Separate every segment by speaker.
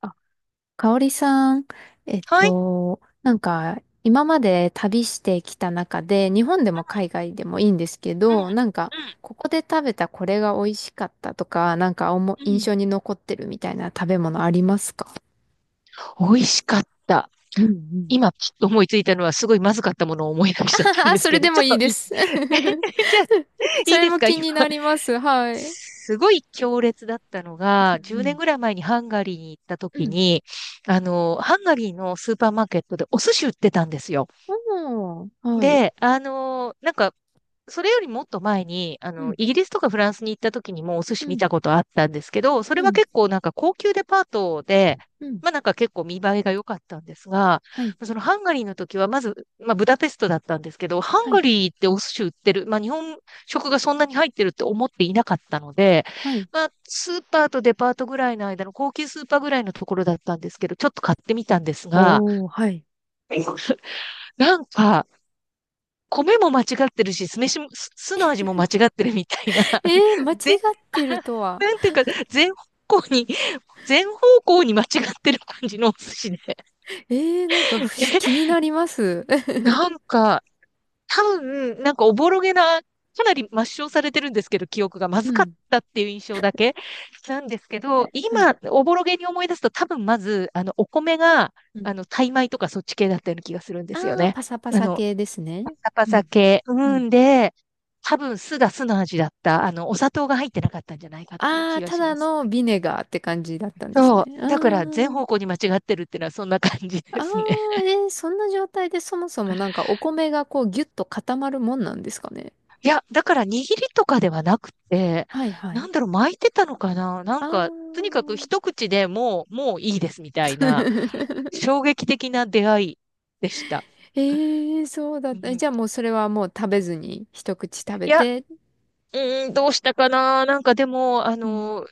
Speaker 1: あ、かおりさん、
Speaker 2: はい。
Speaker 1: なんか、今まで旅してきた中で、日本でも海外でもいいんですけ
Speaker 2: う
Speaker 1: ど、なんか、
Speaker 2: ん、
Speaker 1: ここで食べたこれが美味しかったとか、なんか
Speaker 2: うん、
Speaker 1: 印
Speaker 2: うん。
Speaker 1: 象に残ってるみたいな食べ物ありますか？
Speaker 2: 美味しかった。
Speaker 1: うんうん。
Speaker 2: 今、ちょっと思いついたのは、すごいまずかったものを思い出しちゃっ たん
Speaker 1: あ、
Speaker 2: です
Speaker 1: それ
Speaker 2: けど、
Speaker 1: で
Speaker 2: ち
Speaker 1: も
Speaker 2: ょっ
Speaker 1: いい
Speaker 2: と
Speaker 1: で
Speaker 2: いい、
Speaker 1: す。
Speaker 2: じゃあ、
Speaker 1: そ
Speaker 2: いい
Speaker 1: れ
Speaker 2: です
Speaker 1: も
Speaker 2: か
Speaker 1: 気
Speaker 2: 今？
Speaker 1: になります。はい。う
Speaker 2: すごい強烈だったのが、10年
Speaker 1: ん
Speaker 2: ぐらい前にハンガリーに行った
Speaker 1: うん。
Speaker 2: 時
Speaker 1: うん。
Speaker 2: に、ハンガリーのスーパーマーケットでお寿司売ってたんですよ。
Speaker 1: おー、はい。
Speaker 2: で、なんか、それよりもっと前に、
Speaker 1: うん。
Speaker 2: イギリスとかフランスに行った時にもお寿
Speaker 1: う
Speaker 2: 司見
Speaker 1: ん、
Speaker 2: たことあったんですけど、それ
Speaker 1: う
Speaker 2: は
Speaker 1: ん、
Speaker 2: 結構なんか高級デパートで、
Speaker 1: うん。
Speaker 2: まあなんか結構見栄えが良かったんですが、
Speaker 1: はい。
Speaker 2: そのハンガリーの時はまず、まあブダペストだったんですけど、ハン
Speaker 1: は
Speaker 2: ガ
Speaker 1: い、
Speaker 2: リーってお寿司売ってる、まあ日本食がそんなに入ってるって思っていなかったので、
Speaker 1: はい。
Speaker 2: まあスーパーとデパートぐらいの間の高級スーパーぐらいのところだったんですけど、ちょっと買ってみたんですが、
Speaker 1: おー、はい。
Speaker 2: なんか、米も間違ってるし、酢飯も、酢の味も間違ってるみたいな、
Speaker 1: え ー、間違っ
Speaker 2: 全、
Speaker 1: てるとは。
Speaker 2: なんていうか、全方向に、全方向に間違ってる感じのお寿司で。
Speaker 1: えー、なんか不思気 になります。
Speaker 2: なんか、多分、なんかおぼろげな、かなり抹消されてるんですけど、記憶がま
Speaker 1: う
Speaker 2: ずかっ
Speaker 1: ん。
Speaker 2: たっていう印象だけなんですけど、
Speaker 1: はい。
Speaker 2: 今、おぼろげに思い出すと、多分まず、お米が、
Speaker 1: うん。
Speaker 2: タイ米とかそっち系だったような気がするんですよ
Speaker 1: ああ、
Speaker 2: ね。
Speaker 1: パサパ
Speaker 2: あ
Speaker 1: サ
Speaker 2: の、
Speaker 1: 系ですね。
Speaker 2: パサパ
Speaker 1: う
Speaker 2: サ
Speaker 1: ん。
Speaker 2: 系。
Speaker 1: う
Speaker 2: う
Speaker 1: ん。
Speaker 2: ん、で、多分酢が酢の味だった。お砂糖が入ってなかったんじゃないかっていう
Speaker 1: あ
Speaker 2: 気
Speaker 1: ー、
Speaker 2: が
Speaker 1: た
Speaker 2: し
Speaker 1: だ
Speaker 2: ます。
Speaker 1: のビネガーって感じだったんです
Speaker 2: そ
Speaker 1: ね。あ
Speaker 2: う。だから、全
Speaker 1: ー、
Speaker 2: 方向に間違ってるっていうのはそんな感じで
Speaker 1: あー、
Speaker 2: すね。
Speaker 1: そんな状態でそもそもなんかお米がこうギュッと固まるもんなんですかね？
Speaker 2: いや、だから、握りとかではなくて、
Speaker 1: はいは
Speaker 2: な
Speaker 1: い。
Speaker 2: んだろう、巻いてたのかななん
Speaker 1: あ
Speaker 2: か、とにか
Speaker 1: あ、
Speaker 2: く一口でもう、もういいですみたい な、衝撃的な出会いでした。
Speaker 1: ええ、そうだっ
Speaker 2: う
Speaker 1: た。
Speaker 2: ん、
Speaker 1: じゃあもうそれはもう食べずに一口食べ
Speaker 2: いや、
Speaker 1: て。
Speaker 2: うーん、どうしたかななんかでも、
Speaker 1: うん。
Speaker 2: の、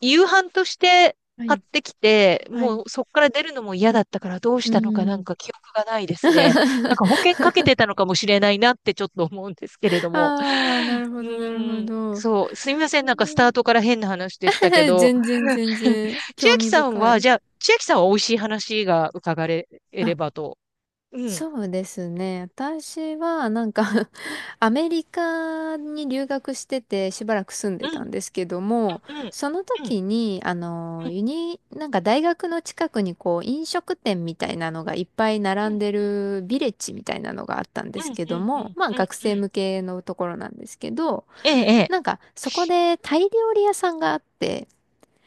Speaker 2: い夕飯として
Speaker 1: は
Speaker 2: 買っ
Speaker 1: い。
Speaker 2: てきて、
Speaker 1: はい。
Speaker 2: もうそこから出るのも嫌だったからどうし
Speaker 1: う
Speaker 2: たのかなん
Speaker 1: ん。
Speaker 2: か記憶がないですね。なんか保険かけてたのかもしれないなってちょっと思うんですけれども。
Speaker 1: ああ、なるほど、
Speaker 2: う
Speaker 1: なるほ
Speaker 2: ーん、
Speaker 1: ど。
Speaker 2: そう、すみません。なんかスター トから変な話でしたけど。
Speaker 1: 全然全 然
Speaker 2: 千
Speaker 1: 興
Speaker 2: 秋
Speaker 1: 味
Speaker 2: さん
Speaker 1: 深
Speaker 2: は、
Speaker 1: い。
Speaker 2: じゃあ、千秋さんは美味しい話が伺えれ
Speaker 1: あ、
Speaker 2: ばと。うん、
Speaker 1: そうですね。私はなんか アメリカに留学しててしばらく住んで
Speaker 2: う
Speaker 1: た
Speaker 2: ん、
Speaker 1: んですけども、
Speaker 2: うん、うん、
Speaker 1: その
Speaker 2: うん、
Speaker 1: 時に、
Speaker 2: うん、
Speaker 1: なんか大学の近くにこう飲食店みたいなのがいっぱい並んで
Speaker 2: う
Speaker 1: るビレッジみたいなのがあったんで
Speaker 2: ん、
Speaker 1: す
Speaker 2: うん、
Speaker 1: けど
Speaker 2: う
Speaker 1: も、
Speaker 2: ん、
Speaker 1: まあ
Speaker 2: うん、
Speaker 1: 学生
Speaker 2: うん。
Speaker 1: 向けのところなんですけど、
Speaker 2: ええ、
Speaker 1: なんかそこでタイ料理屋さんがあって、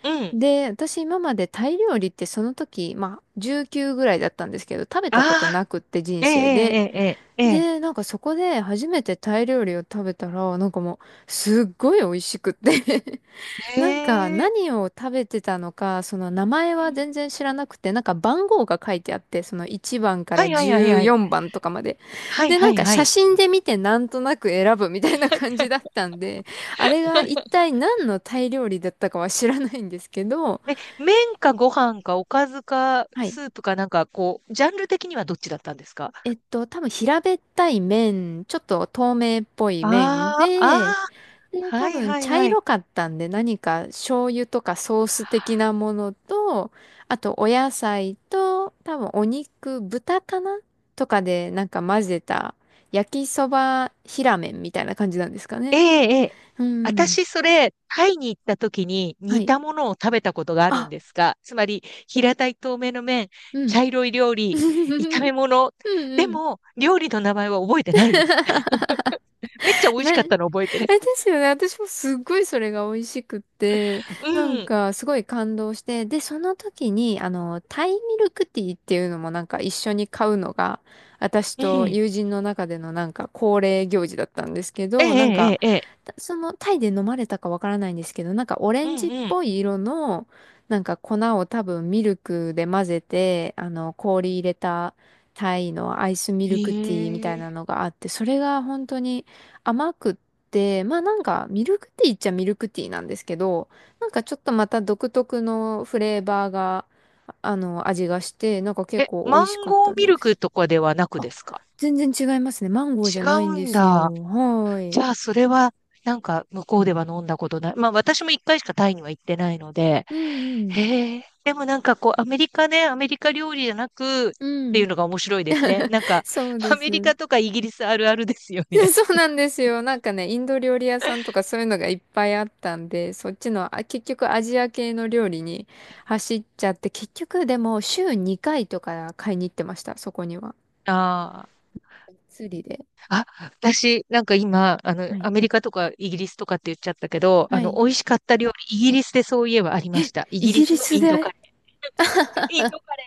Speaker 2: ええうん。
Speaker 1: で、私今までタイ料理ってその時、まあ19ぐらいだったんですけど、食べたこと
Speaker 2: あ
Speaker 1: なくって人
Speaker 2: ええ、
Speaker 1: 生で。
Speaker 2: ええ、ええ、
Speaker 1: で、なんかそこで初めてタイ料理を食べたら、なんかもうすっごい美味しくって
Speaker 2: ええ、
Speaker 1: なんか
Speaker 2: ええ、
Speaker 1: 何を食べてたのか、その名前
Speaker 2: う
Speaker 1: は
Speaker 2: ん
Speaker 1: 全然知らなくて、なんか番号が書いてあって、その1番か
Speaker 2: は
Speaker 1: ら
Speaker 2: いはいはいはい。
Speaker 1: 14番とかまで。
Speaker 2: はい
Speaker 1: で、
Speaker 2: は
Speaker 1: なん
Speaker 2: い
Speaker 1: か
Speaker 2: は
Speaker 1: 写
Speaker 2: い。
Speaker 1: 真で見てなんとなく選ぶみたいな感じだったんで、あれが一体何のタイ料理だったかは知らないんですけど、
Speaker 2: え、麺かご飯かおかずか
Speaker 1: はい。
Speaker 2: スープかなんかこう、ジャンル的にはどっちだったんですか？
Speaker 1: 多分平べったい麺ちょっと透明っぽい麺
Speaker 2: ああ、あ
Speaker 1: で、
Speaker 2: あ、
Speaker 1: で、多
Speaker 2: はい
Speaker 1: 分
Speaker 2: はい
Speaker 1: 茶
Speaker 2: はい。
Speaker 1: 色かったんで何か醤油とかソース的なものと、あとお野菜と、多分お肉、豚かなとかでなんか混ぜた焼きそば平麺みたいな感じなんですか
Speaker 2: え
Speaker 1: ね？
Speaker 2: え、ええ。
Speaker 1: うん。
Speaker 2: 私、それ、タイに行った時に
Speaker 1: は
Speaker 2: 似
Speaker 1: い。
Speaker 2: たものを食べたことがあるん
Speaker 1: あ、
Speaker 2: ですが、つまり、平たい透明の麺、
Speaker 1: うん。
Speaker 2: 茶色い料理、炒 め物。
Speaker 1: うん
Speaker 2: で
Speaker 1: うん。
Speaker 2: も、料理の名前は覚えてないです。めっちゃ 美味し
Speaker 1: な、
Speaker 2: か
Speaker 1: え、
Speaker 2: っ
Speaker 1: で
Speaker 2: たの覚えてる。
Speaker 1: すよね。私もすっごいそれが美味しくって、な
Speaker 2: う
Speaker 1: ん
Speaker 2: ん、
Speaker 1: かすごい感動して、で、その時に、タイミルクティーっていうのもなんか一緒に買うのが、私
Speaker 2: う
Speaker 1: と
Speaker 2: ん。
Speaker 1: 友人の中でのなんか恒例行事だったんですけ
Speaker 2: ええ、
Speaker 1: ど、なんか、
Speaker 2: ええ、ええ。
Speaker 1: そのタイで飲まれたかわからないんですけど、なんかオレ
Speaker 2: う
Speaker 1: ンジ
Speaker 2: ん
Speaker 1: っ
Speaker 2: うん。
Speaker 1: ぽい色の、なんか粉を多分ミルクで混ぜて、氷入れたタイのアイスミ
Speaker 2: へ
Speaker 1: ルクティーみたい
Speaker 2: え。
Speaker 1: なのがあって、それが本当に、甘くっで、まあなんかミルクティーっちゃミルクティーなんですけど、なんかちょっとまた独特のフレーバーが、味がして、なんか結
Speaker 2: え、
Speaker 1: 構美
Speaker 2: マ
Speaker 1: 味し
Speaker 2: ン
Speaker 1: かっ
Speaker 2: ゴ
Speaker 1: た
Speaker 2: ーミ
Speaker 1: で
Speaker 2: ルク
Speaker 1: す。
Speaker 2: とかではなく
Speaker 1: あ、
Speaker 2: ですか？
Speaker 1: 全然違いますね。マンゴーじゃ
Speaker 2: 違
Speaker 1: ないん
Speaker 2: う
Speaker 1: で
Speaker 2: ん
Speaker 1: す
Speaker 2: だ。
Speaker 1: よ。はー
Speaker 2: じ
Speaker 1: い。
Speaker 2: ゃあ、それは、なんか、向こうでは飲んだことない。まあ、私も一回しかタイには行ってないので。
Speaker 1: うんうん。
Speaker 2: へえ。でもなんかこう、アメリカ料理じゃなく、っ
Speaker 1: う
Speaker 2: てい
Speaker 1: ん。
Speaker 2: うのが面白いですね。なんか、
Speaker 1: そうで
Speaker 2: アメリ
Speaker 1: す。
Speaker 2: カとかイギリスあるあるですよ ね。
Speaker 1: そう なんですよ。なんかね、インド料理屋さんとかそういうのがいっぱいあったんで、そっちの、あ、結局アジア系の料理に走っちゃって、結局でも週2回とか買いに行ってました、そこには。
Speaker 2: ああ。
Speaker 1: 釣りで。
Speaker 2: あ、私、なんか今、
Speaker 1: はい。
Speaker 2: アメリカとかイギリスとかって言っちゃったけど、
Speaker 1: はい。
Speaker 2: 美味しかった料理、イギリスでそういえばありました。イ
Speaker 1: イ
Speaker 2: ギリ
Speaker 1: ギ
Speaker 2: ス
Speaker 1: リ
Speaker 2: の
Speaker 1: ス
Speaker 2: インドカ
Speaker 1: で。
Speaker 2: レー。インドカレ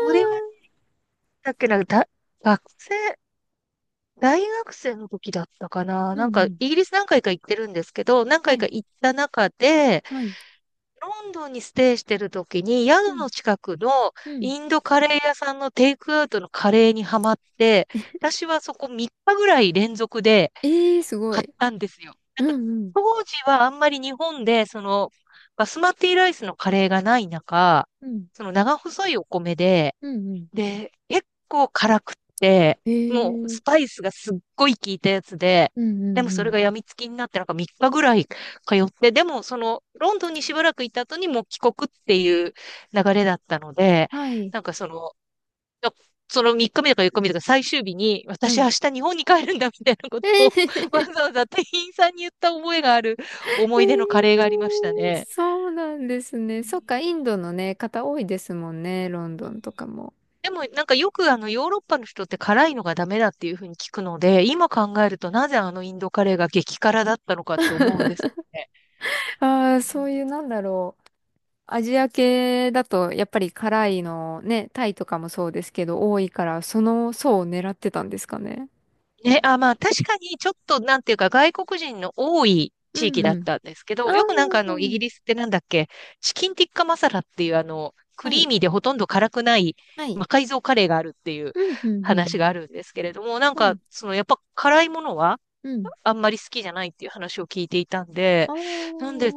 Speaker 2: ー。これは、だっけな、だ、学生、大学生の時だったかな。
Speaker 1: うん
Speaker 2: なんか、
Speaker 1: うん。
Speaker 2: イギリス何回か行ってるんですけど、何
Speaker 1: は
Speaker 2: 回
Speaker 1: い。
Speaker 2: か行った中で、
Speaker 1: はい。
Speaker 2: ロンドンにステイしてる時に、宿
Speaker 1: うん。
Speaker 2: の近くの
Speaker 1: うん。
Speaker 2: インドカレー屋さんのテイクアウトのカレーにハマって、私はそこ3日ぐらい連続で、
Speaker 1: ええー、すご
Speaker 2: 買っ
Speaker 1: い。
Speaker 2: たんですよ。な
Speaker 1: う
Speaker 2: んか、
Speaker 1: んうん。
Speaker 2: 当時はあんまり日本で、その、バスマティライスのカレーがない中、
Speaker 1: うん。
Speaker 2: その長細いお米で、
Speaker 1: うんうん。
Speaker 2: で、結構辛くって、
Speaker 1: え
Speaker 2: もう
Speaker 1: え
Speaker 2: ス
Speaker 1: ー。
Speaker 2: パイスがすっごい効いたやつで、
Speaker 1: うんう
Speaker 2: でも
Speaker 1: んう
Speaker 2: それ
Speaker 1: ん。
Speaker 2: が病みつきになって、なんか3日ぐらい通って、でもその、ロンドンにしばらくいた後にもう帰国っていう流れだったので、
Speaker 1: はい。
Speaker 2: なんかその、のその3日目とか4日目とか最終日に、
Speaker 1: は
Speaker 2: 私
Speaker 1: い。
Speaker 2: 明日日本に帰るんだみたいなことを
Speaker 1: え
Speaker 2: わ
Speaker 1: え。
Speaker 2: ざわざ店員さんに言った覚えがある
Speaker 1: え
Speaker 2: 思い出のカレーがありました
Speaker 1: ー、
Speaker 2: ね。
Speaker 1: そうなんです
Speaker 2: う
Speaker 1: ね。そっか、イン
Speaker 2: ん
Speaker 1: ドのね、方多いですもんね、ロン
Speaker 2: う
Speaker 1: ドンと
Speaker 2: ん、
Speaker 1: かも。
Speaker 2: でもなんかよくあのヨーロッパの人って辛いのがダメだっていうふうに聞くので、今考えるとなぜあのインドカレーが激辛だったのかって思うんですけどね。
Speaker 1: ああ、そういう、なんだろう。アジア系だと、やっぱり辛いのね、タイとかもそうですけど、多いから、その層を狙ってたんですかね？
Speaker 2: ね、あ、まあ確かにちょっとなんていうか外国人の多い地域だ
Speaker 1: う
Speaker 2: っ
Speaker 1: ん。
Speaker 2: たんですけ
Speaker 1: あ
Speaker 2: ど、よくなんかあの
Speaker 1: あ、
Speaker 2: イギリスってなんだっけ、チキンティッカマサラっていうあのク
Speaker 1: は
Speaker 2: リー
Speaker 1: い、
Speaker 2: ミーでほとんど辛くない
Speaker 1: はい。
Speaker 2: 魔改造カレーがあるっていう
Speaker 1: うん、うん、うん。
Speaker 2: 話があるんですけれども、なん
Speaker 1: は
Speaker 2: か
Speaker 1: い、
Speaker 2: そのやっぱ辛いものは
Speaker 1: うん。
Speaker 2: あんまり好きじゃないっていう話を聞いていたん
Speaker 1: あ
Speaker 2: で、な
Speaker 1: あ。
Speaker 2: んで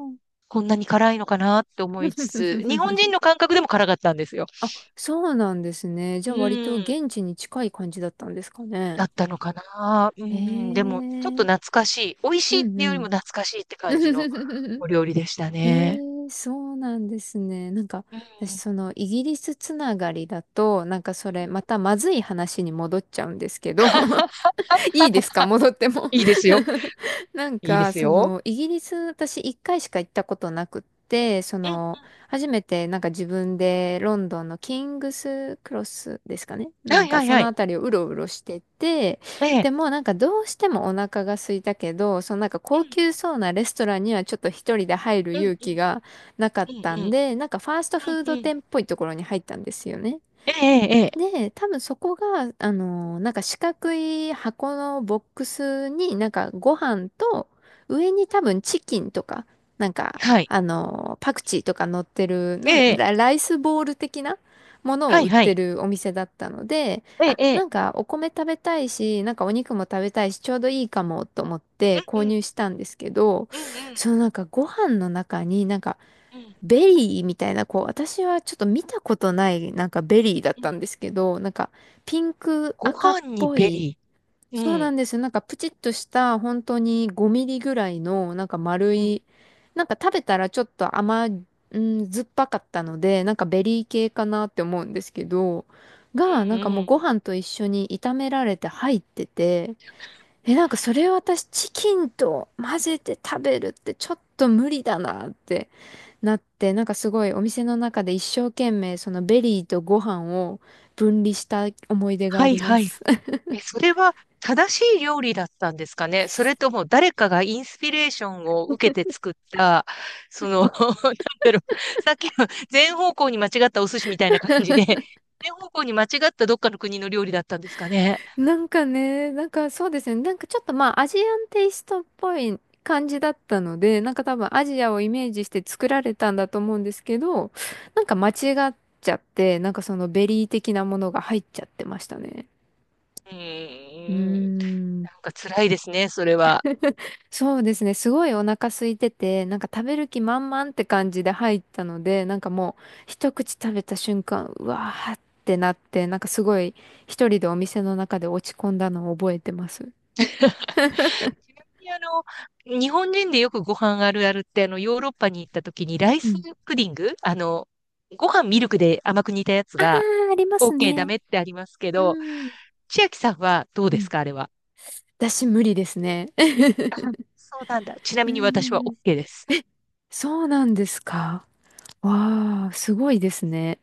Speaker 2: こんなに辛いのかなって思いつつ、日本人 の感覚でも辛かったんですよ。
Speaker 1: あ、そうなんですね。じ
Speaker 2: う
Speaker 1: ゃあ割と
Speaker 2: ん。
Speaker 1: 現地に近い感じだったんですかね？
Speaker 2: だったのかな。う
Speaker 1: ええ
Speaker 2: ん、でも、ちょっと懐
Speaker 1: ー。
Speaker 2: かしい。美味
Speaker 1: う
Speaker 2: しいって
Speaker 1: ん
Speaker 2: いう
Speaker 1: う
Speaker 2: よりも
Speaker 1: ん。
Speaker 2: 懐かしいって感じの お料理でしたね。
Speaker 1: ええ、そうなんですね。なんか、
Speaker 2: うん。
Speaker 1: 私
Speaker 2: うん。
Speaker 1: そのイギリスつながりだと、なんかそれまたまずい話に戻っちゃうんですけど、 いいですか、戻っても？
Speaker 2: いいですよ。
Speaker 1: なん
Speaker 2: いいで
Speaker 1: か、
Speaker 2: す
Speaker 1: そ
Speaker 2: よ。
Speaker 1: の、イギリス、私一回しか行ったことなくって、そ
Speaker 2: うん。
Speaker 1: の、初めてなんか自分でロンドンのキングスクロスですかね、な
Speaker 2: は
Speaker 1: ん
Speaker 2: い
Speaker 1: か
Speaker 2: はい
Speaker 1: そ
Speaker 2: は
Speaker 1: の
Speaker 2: い。
Speaker 1: あたりをうろうろしてて、
Speaker 2: ええ。
Speaker 1: でもなんかどうしてもお腹が空いたけど、そのなんか高級そうなレストランにはちょっと一人で入る
Speaker 2: うん。うん
Speaker 1: 勇
Speaker 2: う
Speaker 1: 気
Speaker 2: ん。
Speaker 1: がなかっ
Speaker 2: う
Speaker 1: た
Speaker 2: んう
Speaker 1: ん
Speaker 2: ん。
Speaker 1: で、なんかファースト
Speaker 2: うん
Speaker 1: フード
Speaker 2: うん。
Speaker 1: 店っぽいところに入ったんですよね。
Speaker 2: ええええええ。
Speaker 1: で、多分そこが、なんか四角い箱のボックスになんかご飯と、上に多分チキンとか、なんか、
Speaker 2: はい。
Speaker 1: パクチーとか乗ってる
Speaker 2: え
Speaker 1: なん
Speaker 2: えええ。
Speaker 1: ラ、ライスボール的なものを
Speaker 2: は
Speaker 1: 売
Speaker 2: い
Speaker 1: っ
Speaker 2: は
Speaker 1: て
Speaker 2: い。
Speaker 1: るお店だったので、
Speaker 2: ええ
Speaker 1: あ、
Speaker 2: え
Speaker 1: な
Speaker 2: え。
Speaker 1: んかお米食べたいし、なんかお肉も食べたいし、ちょうどいいかもと思って
Speaker 2: う
Speaker 1: 購
Speaker 2: んう
Speaker 1: 入
Speaker 2: ん。
Speaker 1: したんですけど、
Speaker 2: うんうん。
Speaker 1: そのなんかご飯の中になんか
Speaker 2: うん
Speaker 1: ベリーみたいな、こう、私はちょっと見たことない、なんかベリーだっ
Speaker 2: う
Speaker 1: た
Speaker 2: ん。
Speaker 1: んですけど、なんかピンク
Speaker 2: ご
Speaker 1: 赤っ
Speaker 2: 飯に
Speaker 1: ぽ
Speaker 2: ベ
Speaker 1: い、
Speaker 2: リー。
Speaker 1: そう
Speaker 2: う
Speaker 1: な
Speaker 2: ん。
Speaker 1: んですよ。なんかプチッとした、本当に5ミリぐらいの、なんか丸
Speaker 2: うん
Speaker 1: い、なんか食べたらちょっとうん、酸っぱかったので、なんかベリー系かなって思うんですけど、が、
Speaker 2: う
Speaker 1: な
Speaker 2: ん
Speaker 1: ん
Speaker 2: う
Speaker 1: かもうご
Speaker 2: ん。
Speaker 1: 飯と一緒に炒められて入ってて、え、なんかそれを私チキンと混ぜて食べるってちょっと無理だなって。なんかすごいお店の中で一生懸命そのベリーとご飯を分離した思い出が
Speaker 2: は
Speaker 1: あ
Speaker 2: い
Speaker 1: りま
Speaker 2: はい。
Speaker 1: す。
Speaker 2: え、それは正しい料理だったんですかね？それとも誰かがインスピレーションを受けて作った、その、なんだろう、さっきの全方向に間違ったお寿司みたいな感じで、全方向に間違ったどっかの国の料理だったんですかね？
Speaker 1: なんかね、なんかそうですね、なんかちょっとまあアジアンテイストっぽい感じだったので、なんか多分アジアをイメージして作られたんだと思うんですけど、なんか間違っちゃって、なんかそのベリー的なものが入っちゃってましたね。
Speaker 2: う
Speaker 1: うー
Speaker 2: ーん、なん
Speaker 1: ん。
Speaker 2: か辛いですね、それは。
Speaker 1: そうですね。すごいお腹空いてて、なんか食べる気満々って感じで入ったので、なんかもう一口食べた瞬間、うわーってなって、なんかすごい一人でお店の中で落ち込んだのを覚えてます。
Speaker 2: ちなみに日本人でよくご飯あるあるって、ヨーロッパに行った時にライ
Speaker 1: う
Speaker 2: ス
Speaker 1: ん。
Speaker 2: プディングご飯ミルクで甘く煮たやつ
Speaker 1: あ
Speaker 2: が、
Speaker 1: ー、あります
Speaker 2: OK ダ
Speaker 1: ね。
Speaker 2: メってありますけど、
Speaker 1: うん。
Speaker 2: 千秋さんはどう
Speaker 1: う
Speaker 2: で
Speaker 1: ん。
Speaker 2: すか、あれは？
Speaker 1: 私無理ですね。
Speaker 2: あ、そうなんだ。ちな
Speaker 1: う
Speaker 2: みに私は
Speaker 1: ん。
Speaker 2: OK です。
Speaker 1: そうなんですか。わー、すごいですね。